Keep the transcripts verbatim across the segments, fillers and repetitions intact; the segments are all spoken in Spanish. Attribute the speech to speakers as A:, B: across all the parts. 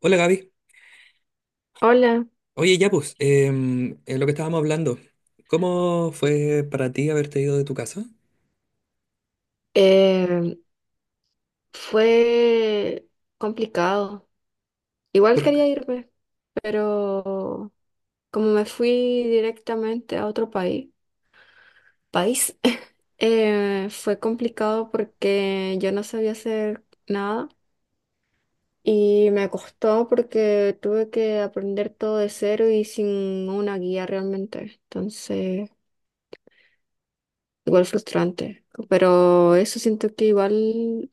A: Hola Gaby.
B: Hola,
A: Oye, ya pues, em, en lo que estábamos hablando, ¿cómo fue para ti haberte ido de tu casa?
B: eh, fue complicado. Igual
A: Porque,
B: quería irme, pero como me fui directamente a otro país, país, eh, fue complicado porque yo no sabía hacer nada y me costó porque tuve que aprender todo de cero y sin una guía realmente. Entonces, igual frustrante. Pero eso siento que igual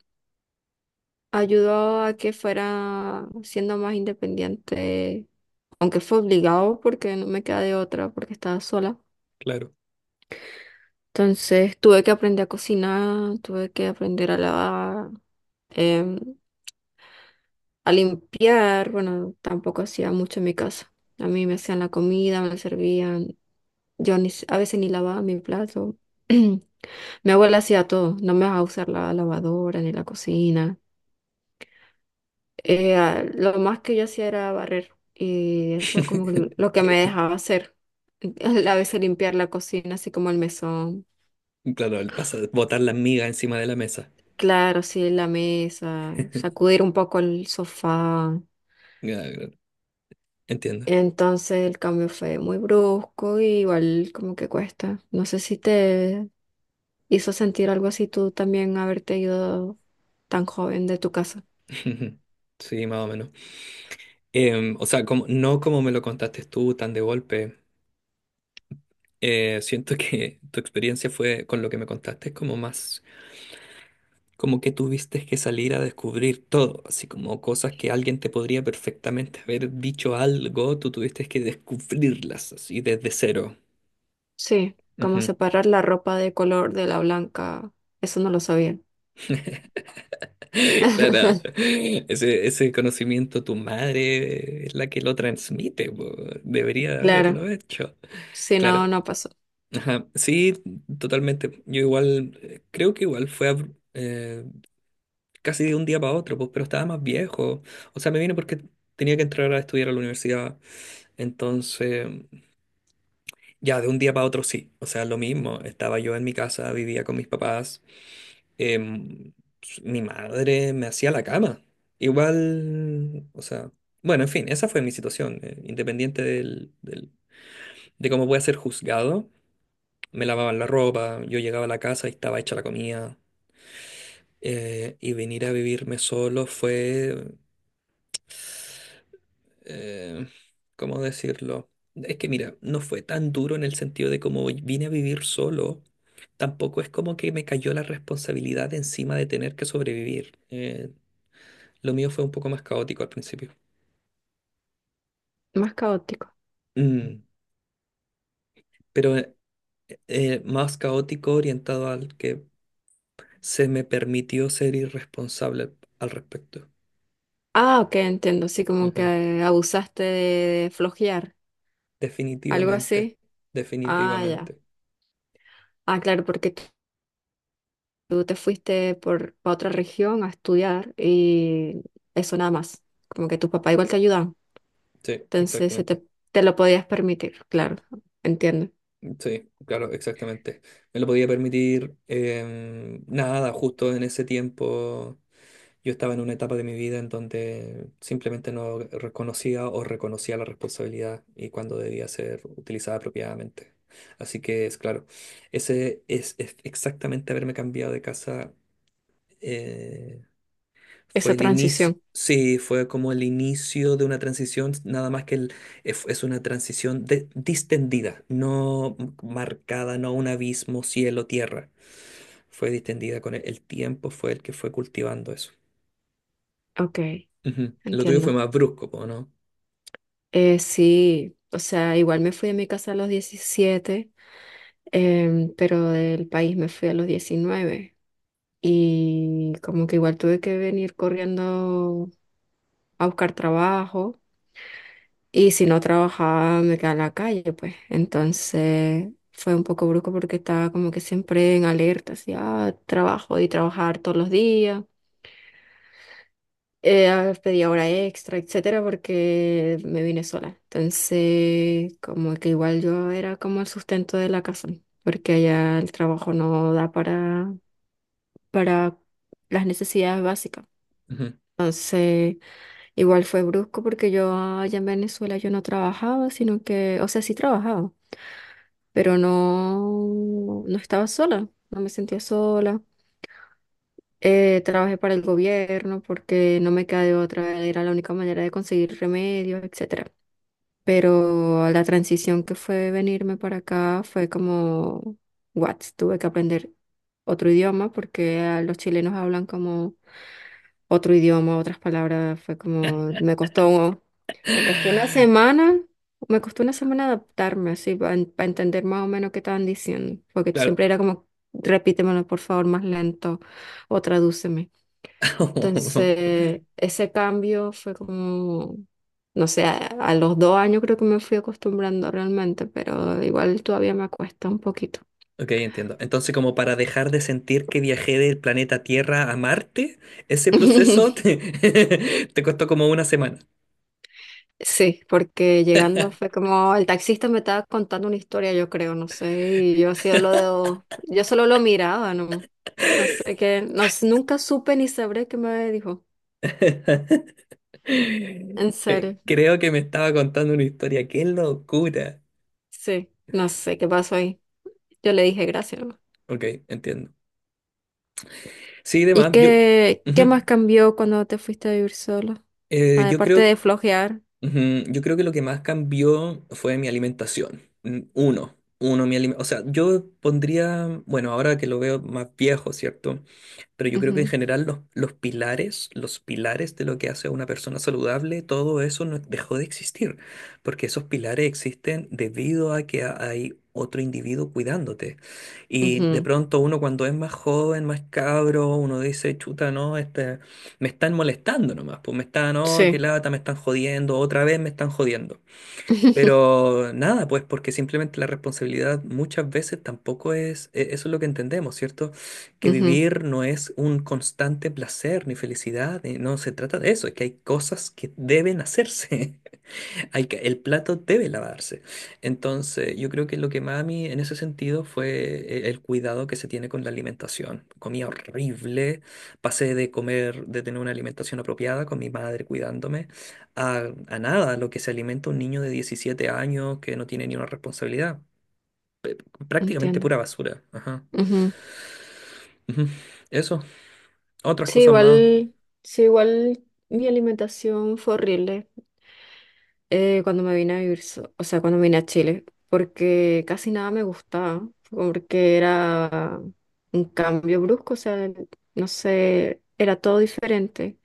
B: ayudó a que fuera siendo más independiente, aunque fue obligado porque no me quedé de otra, porque estaba sola.
A: claro.
B: Entonces tuve que aprender a cocinar, tuve que aprender a lavar, em, a limpiar. Bueno, tampoco hacía mucho en mi casa. A mí me hacían la comida, me la servían. Yo ni, s- a veces ni lavaba mi plato. Mi abuela hacía todo, no me dejaba usar la lavadora ni la cocina. Eh, a- lo más que yo hacía era barrer y eso es como que lo que me dejaba hacer. A veces limpiar la cocina, así como el mesón.
A: Claro, el paso de botar las migas encima de la mesa.
B: Claro, sí, la mesa, sacudir un poco el sofá.
A: Ya, claro, entiendo.
B: Entonces el cambio fue muy brusco y igual como que cuesta. No sé si te hizo sentir algo así tú también haberte ido tan joven de tu casa.
A: Sí, más o menos. Em, o sea, como, no como me lo contaste tú tan de golpe. Eh, siento que tu experiencia fue con lo que me contaste es como más como que tuviste que salir a descubrir todo, así como cosas que alguien te podría perfectamente haber dicho algo, tú tuviste que descubrirlas así desde cero.
B: Sí, como
A: Ujú.
B: separar la ropa de color de la blanca, eso no lo sabía.
A: Claro, ese, ese conocimiento tu madre es la que lo transmite, po, debería de
B: Claro.
A: haberlo hecho.
B: Sí, no,
A: Claro,
B: no pasó.
A: ajá. Sí, totalmente. Yo igual, eh, creo que igual fue abru- eh, casi de un día para otro, pues, pero estaba más viejo. O sea, me vine porque tenía que entrar a estudiar a la universidad. Entonces, ya de un día para otro sí, o sea, lo mismo, estaba yo en mi casa, vivía con mis papás, em, s- mi madre me hacía la cama, igual, o sea, bueno, en fin, esa fue mi situación, eh, independiente del, del- de cómo voy a ser juzgado, me lavaban la ropa, yo llegaba a la casa y estaba hecha la comida, eh, y venir a vivirme solo fue eh, ¿cómo decirlo? Es que mira, no fue tan duro en el sentido de como vine a vivir solo, tampoco es como que me cayó la responsabilidad encima de tener que sobrevivir. Eh, lo mío fue un poco más caótico al principio.
B: Más caótico.
A: Mm, pero eh, más caótico orientado al que se me permitió ser irresponsable al respecto.
B: Ah, ok, entiendo. Sí, como
A: Ujú.
B: que abusaste de flojear. Algo
A: Definitivamente,
B: así. Ah, ya.
A: definitivamente.
B: Ah, claro, porque tú tú te fuiste por a otra región a estudiar y eso nada más. Como que tus papás igual te ayudaban.
A: Sí,
B: Entonces se
A: exactamente.
B: te, te lo podías permitir. Claro, entiendo.
A: Sí, claro, exactamente. Me lo podía permitir em, nada, justo en ese tiempo yo estaba en una etapa de mi vida en donde simplemente no reconocía o reconocía la responsabilidad y cuando debía ser utilizada apropiadamente. Así que es claro, ese es, es exactamente haberme cambiado de casa eh, fue
B: Esa
A: el inicio,
B: transición.
A: sí, fue como el inicio de una transición, nada más que el- es, es una transición de- distendida, no marcada, no un abismo, cielo, tierra. Fue distendida con el, el tiempo, fue el que fue cultivando eso.
B: Ok,
A: Ujú. Lo tuyo fue
B: entiendo.
A: más brusco, po, ¿no?
B: Eh, sí, o sea, igual me fui de mi casa a los diecisiete em, pero del país me fui a los diecinueve y como que igual tuve que venir corriendo a buscar trabajo y si no trabajaba me quedaba en la calle, pues. Entonces fue un poco brusco porque estaba como que siempre en alerta, así, ah, trabajo y trabajar todos los días. Eh, ah, pedía hora extra, etcétera, porque me vine sola. Entonces, como que igual yo era como el sustento de la casa, porque allá el trabajo no da para, para las necesidades básicas.
A: Ujú.
B: Entonces, igual fue brusco porque yo allá en Venezuela yo no trabajaba, sino que, o sea, sí trabajaba, pero no, no estaba sola, no me sentía sola. Eh, trabajé para el gobierno porque no me quedaba de otra, era la única manera de conseguir remedios, etcétera. Pero la transición que fue venirme para acá fue como, what, tuve que aprender otro idioma porque a los chilenos hablan como otro idioma, otras palabras, fue como, me costó, me costó una semana, me costó una semana adaptarme así, para entender más o menos qué estaban diciendo, porque
A: Claro.
B: siempre era como, repítemelo por favor más lento o tradúceme. Entonces, ese cambio fue como, no sé, a, a los dos años creo que me fui acostumbrando realmente, pero igual todavía me cuesta un poquito.
A: Ok, entiendo. Entonces, como para dejar de sentir que viajé del planeta Tierra a Marte, ese proceso te, te costó como una semana.
B: Sí, porque llegando fue como el taxista me estaba contando una historia, yo creo, no sé, y yo así lo yo solo lo miraba, no, no sé qué, no, s- nunca supe ni sabré qué me dijo. En
A: Eh,
B: serio,
A: creo que me estaba contando una historia. ¡Qué locura!
B: sí, no sé qué pasó ahí. Yo le dije gracias, nomás.
A: Ok, entiendo. Sí,
B: ¿Y
A: demás, yo,
B: qué, qué
A: ujú.
B: más cambió cuando te fuiste a vivir solo?
A: Eh, yo
B: Aparte
A: creo,
B: de flojear.
A: ujú, yo creo que lo que más cambió fue mi alimentación. Mm, Uno, uno, mi alimentación. O sea, yo pondría, bueno, ahora que lo veo más viejo, ¿cierto? Pero yo creo que en
B: Ujú,
A: general los, los pilares, los pilares de lo que hace a una persona saludable, todo eso no dejó de existir, porque esos pilares existen debido a que ha- hay otro individuo cuidándote. Y de
B: ujú,
A: pronto uno cuando es más joven, más cabro, uno dice, chuta, no, este, me están molestando nomás, pues me están, no, qué
B: sí.
A: lata, me están jodiendo, otra vez me están jodiendo. Pero nada, pues porque simplemente la responsabilidad muchas veces tampoco es, e- eso es lo que entendemos, ¿cierto? Que
B: Ujú.
A: vivir no es un constante placer ni felicidad, eh, no se trata de eso, es que hay cosas que deben hacerse. Hay que, el plato debe lavarse. Entonces, yo creo que lo que más a mí en ese sentido fue eh, el cuidado que se tiene con la alimentación. Comía horrible, pasé de comer, de tener una alimentación apropiada con mi madre cuidándome, a, a nada, lo que se alimenta un niño de diecisiete años que no tiene ni una responsabilidad. Prácticamente
B: Entiendo.
A: pura basura. Ajá. Ujú. Eso, otras
B: Sí,
A: cosas más.
B: igual, sí, igual mi alimentación fue horrible eh, cuando me vine a vivir, so- o sea, cuando me vine a Chile, porque casi nada me gustaba, porque era un cambio brusco, o sea, no sé, era todo diferente.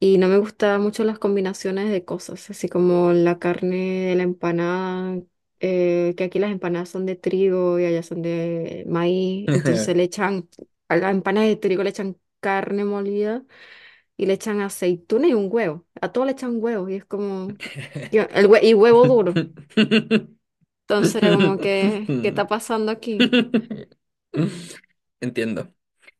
B: Y no me gustaban mucho las combinaciones de cosas, así como la carne de la empanada, eh, que aquí las empanadas son de trigo y allá son de maíz, entonces le echan, a la empanada de trigo le echan carne molida y le echan aceituna y un huevo. A todo le echan huevo y es como, yo- el hue- y huevo duro. Entonces era como que, ¿qué está pasando aquí?
A: Entiendo.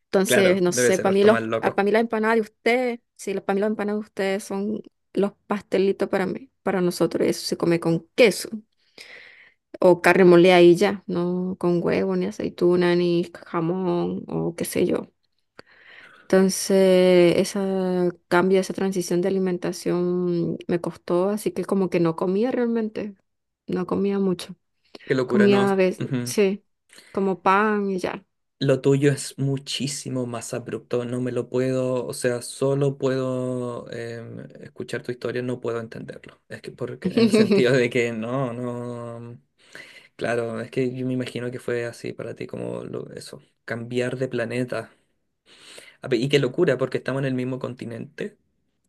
B: Entonces,
A: Claro,
B: no
A: debe
B: sé,
A: ser
B: para mí
A: harto
B: los,
A: más loco.
B: para mí la empanada de ustedes, sí, para mí las empanadas de ustedes son los pastelitos, para mí, para nosotros eso se come con queso o carne molida y ya, no con huevo, ni aceituna, ni jamón o qué sé yo. Entonces, ese cambio, esa transición de alimentación me costó, así que como que no comía realmente. No comía mucho.
A: Qué locura, no.
B: Comía a veces,
A: Ujú.
B: sí, como pan y ya.
A: Lo tuyo es muchísimo más abrupto. No me lo puedo, o sea, solo puedo em, escuchar tu historia, no puedo entenderlo. Es que porque en el sentido de que no, no. Claro, es que yo me imagino que fue así para ti, como lo- eso, cambiar de planeta. A pe- Y qué locura, porque estamos en el mismo continente.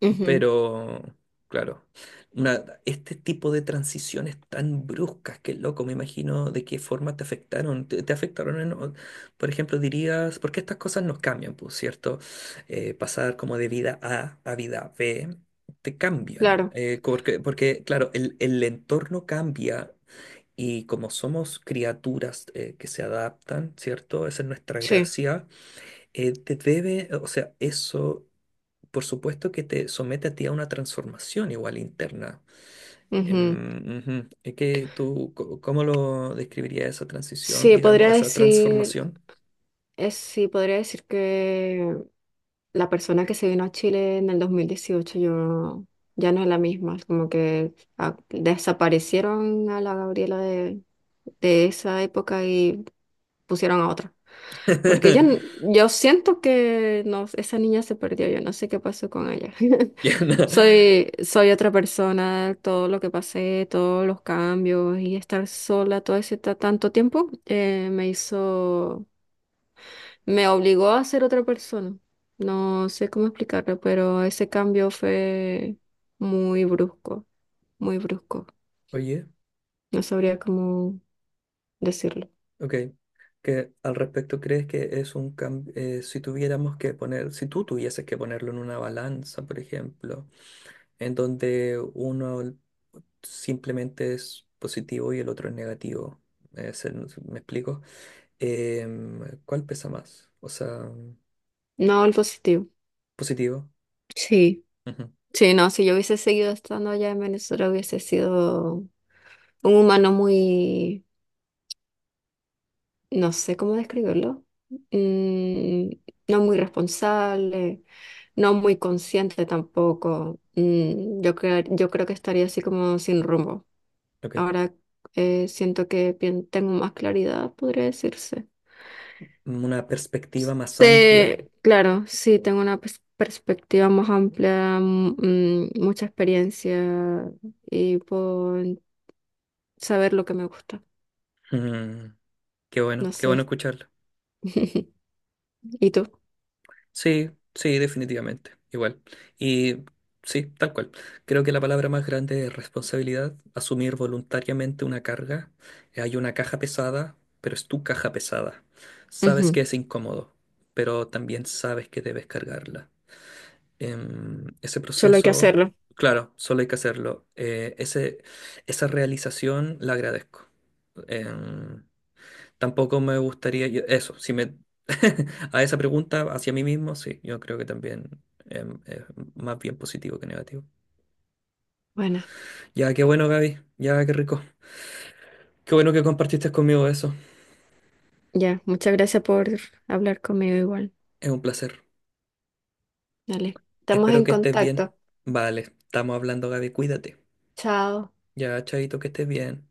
B: Ujú.
A: Pero, claro, una- este tipo de transiciones tan bruscas que loco, me imagino de qué forma te afectaron. Te, te afectaron en, o- por ejemplo, dirías, porque estas cosas nos cambian, pues, ¿cierto? Eh, pasar como de vida A a vida B, te cambian.
B: Claro,
A: eh, porque, porque, claro, el, el entorno cambia y como somos criaturas eh, que se adaptan, ¿cierto? Esa es nuestra
B: sí.
A: gracia. eh, te debe, o sea, eso por supuesto que te somete a ti a una transformación igual interna.
B: Ujú.
A: Em, ujú. Es que tú, co- ¿cómo lo describirías esa transición,
B: Sí, podría
A: digamos, esa
B: decir,
A: transformación?
B: es, sí, podría decir que la persona que se vino a Chile en el dos mil dieciocho yo ya no es la misma. Es como que ah, desaparecieron a la Gabriela de, de esa época y pusieron a otra. Porque yo, n- yo siento que no, esa niña se perdió, yo no sé qué pasó con ella.
A: Ya, no.
B: Soy, soy otra persona, todo lo que pasé, todos los cambios y estar sola todo ese ta- tanto tiempo eh, me hizo, me obligó a ser otra persona. No sé cómo explicarlo, pero ese cambio fue muy brusco, muy brusco.
A: Oye,
B: No sabría cómo decirlo.
A: ok. Que al respecto crees que es un cambio, si tuviéramos que poner, si tú tuvieses que ponerlo en una balanza, por ejemplo, en donde uno simplemente es positivo y el otro es negativo. Eh, se- ¿me explico? Em, ¿cuál pesa más? O sea,
B: No, el positivo.
A: positivo.
B: Sí.
A: Ujú,
B: Sí, no, si yo hubiese seguido estando allá en Venezuela hubiese sido un humano muy, no sé cómo describirlo, mm, no muy responsable, no muy consciente tampoco. Mm, yo, cre- yo creo que estaría así como sin rumbo.
A: ok.
B: Ahora eh, siento que pien- tengo más claridad, podría decirse.
A: Una perspectiva más
B: Sí,
A: amplia.
B: claro, sí, tengo una pers- perspectiva más amplia, mm, mm, mucha experiencia y puedo saber lo que me gusta.
A: Mm, qué bueno,
B: No
A: qué bueno
B: sé.
A: escucharlo.
B: ¿Y tú?
A: Sí, sí, definitivamente. Igual. Y sí, tal cual. Creo que la palabra más grande es responsabilidad, asumir voluntariamente una carga. Hay una caja pesada, pero es tu caja pesada. Sabes que
B: Ujú.
A: es incómodo, pero también sabes que debes cargarla. em, ese
B: Solo hay que
A: proceso,
B: hacerlo.
A: claro, solo hay que hacerlo. Eh, ese, esa realización la agradezco. Em, tampoco me gustaría, yo- eso, si me a esa pregunta hacia mí mismo, sí, yo creo que también em, es más bien positivo que negativo.
B: Bueno,
A: Ya, qué bueno, Gaby, ya, qué rico. Qué bueno que compartiste conmigo eso.
B: ya. Muchas gracias por hablar conmigo igual.
A: Es un placer.
B: Dale. Estamos
A: Espero
B: en
A: que estés bien.
B: contacto.
A: Vale, estamos hablando, Gaby, cuídate.
B: Chao.
A: Ya, chaito, que estés bien.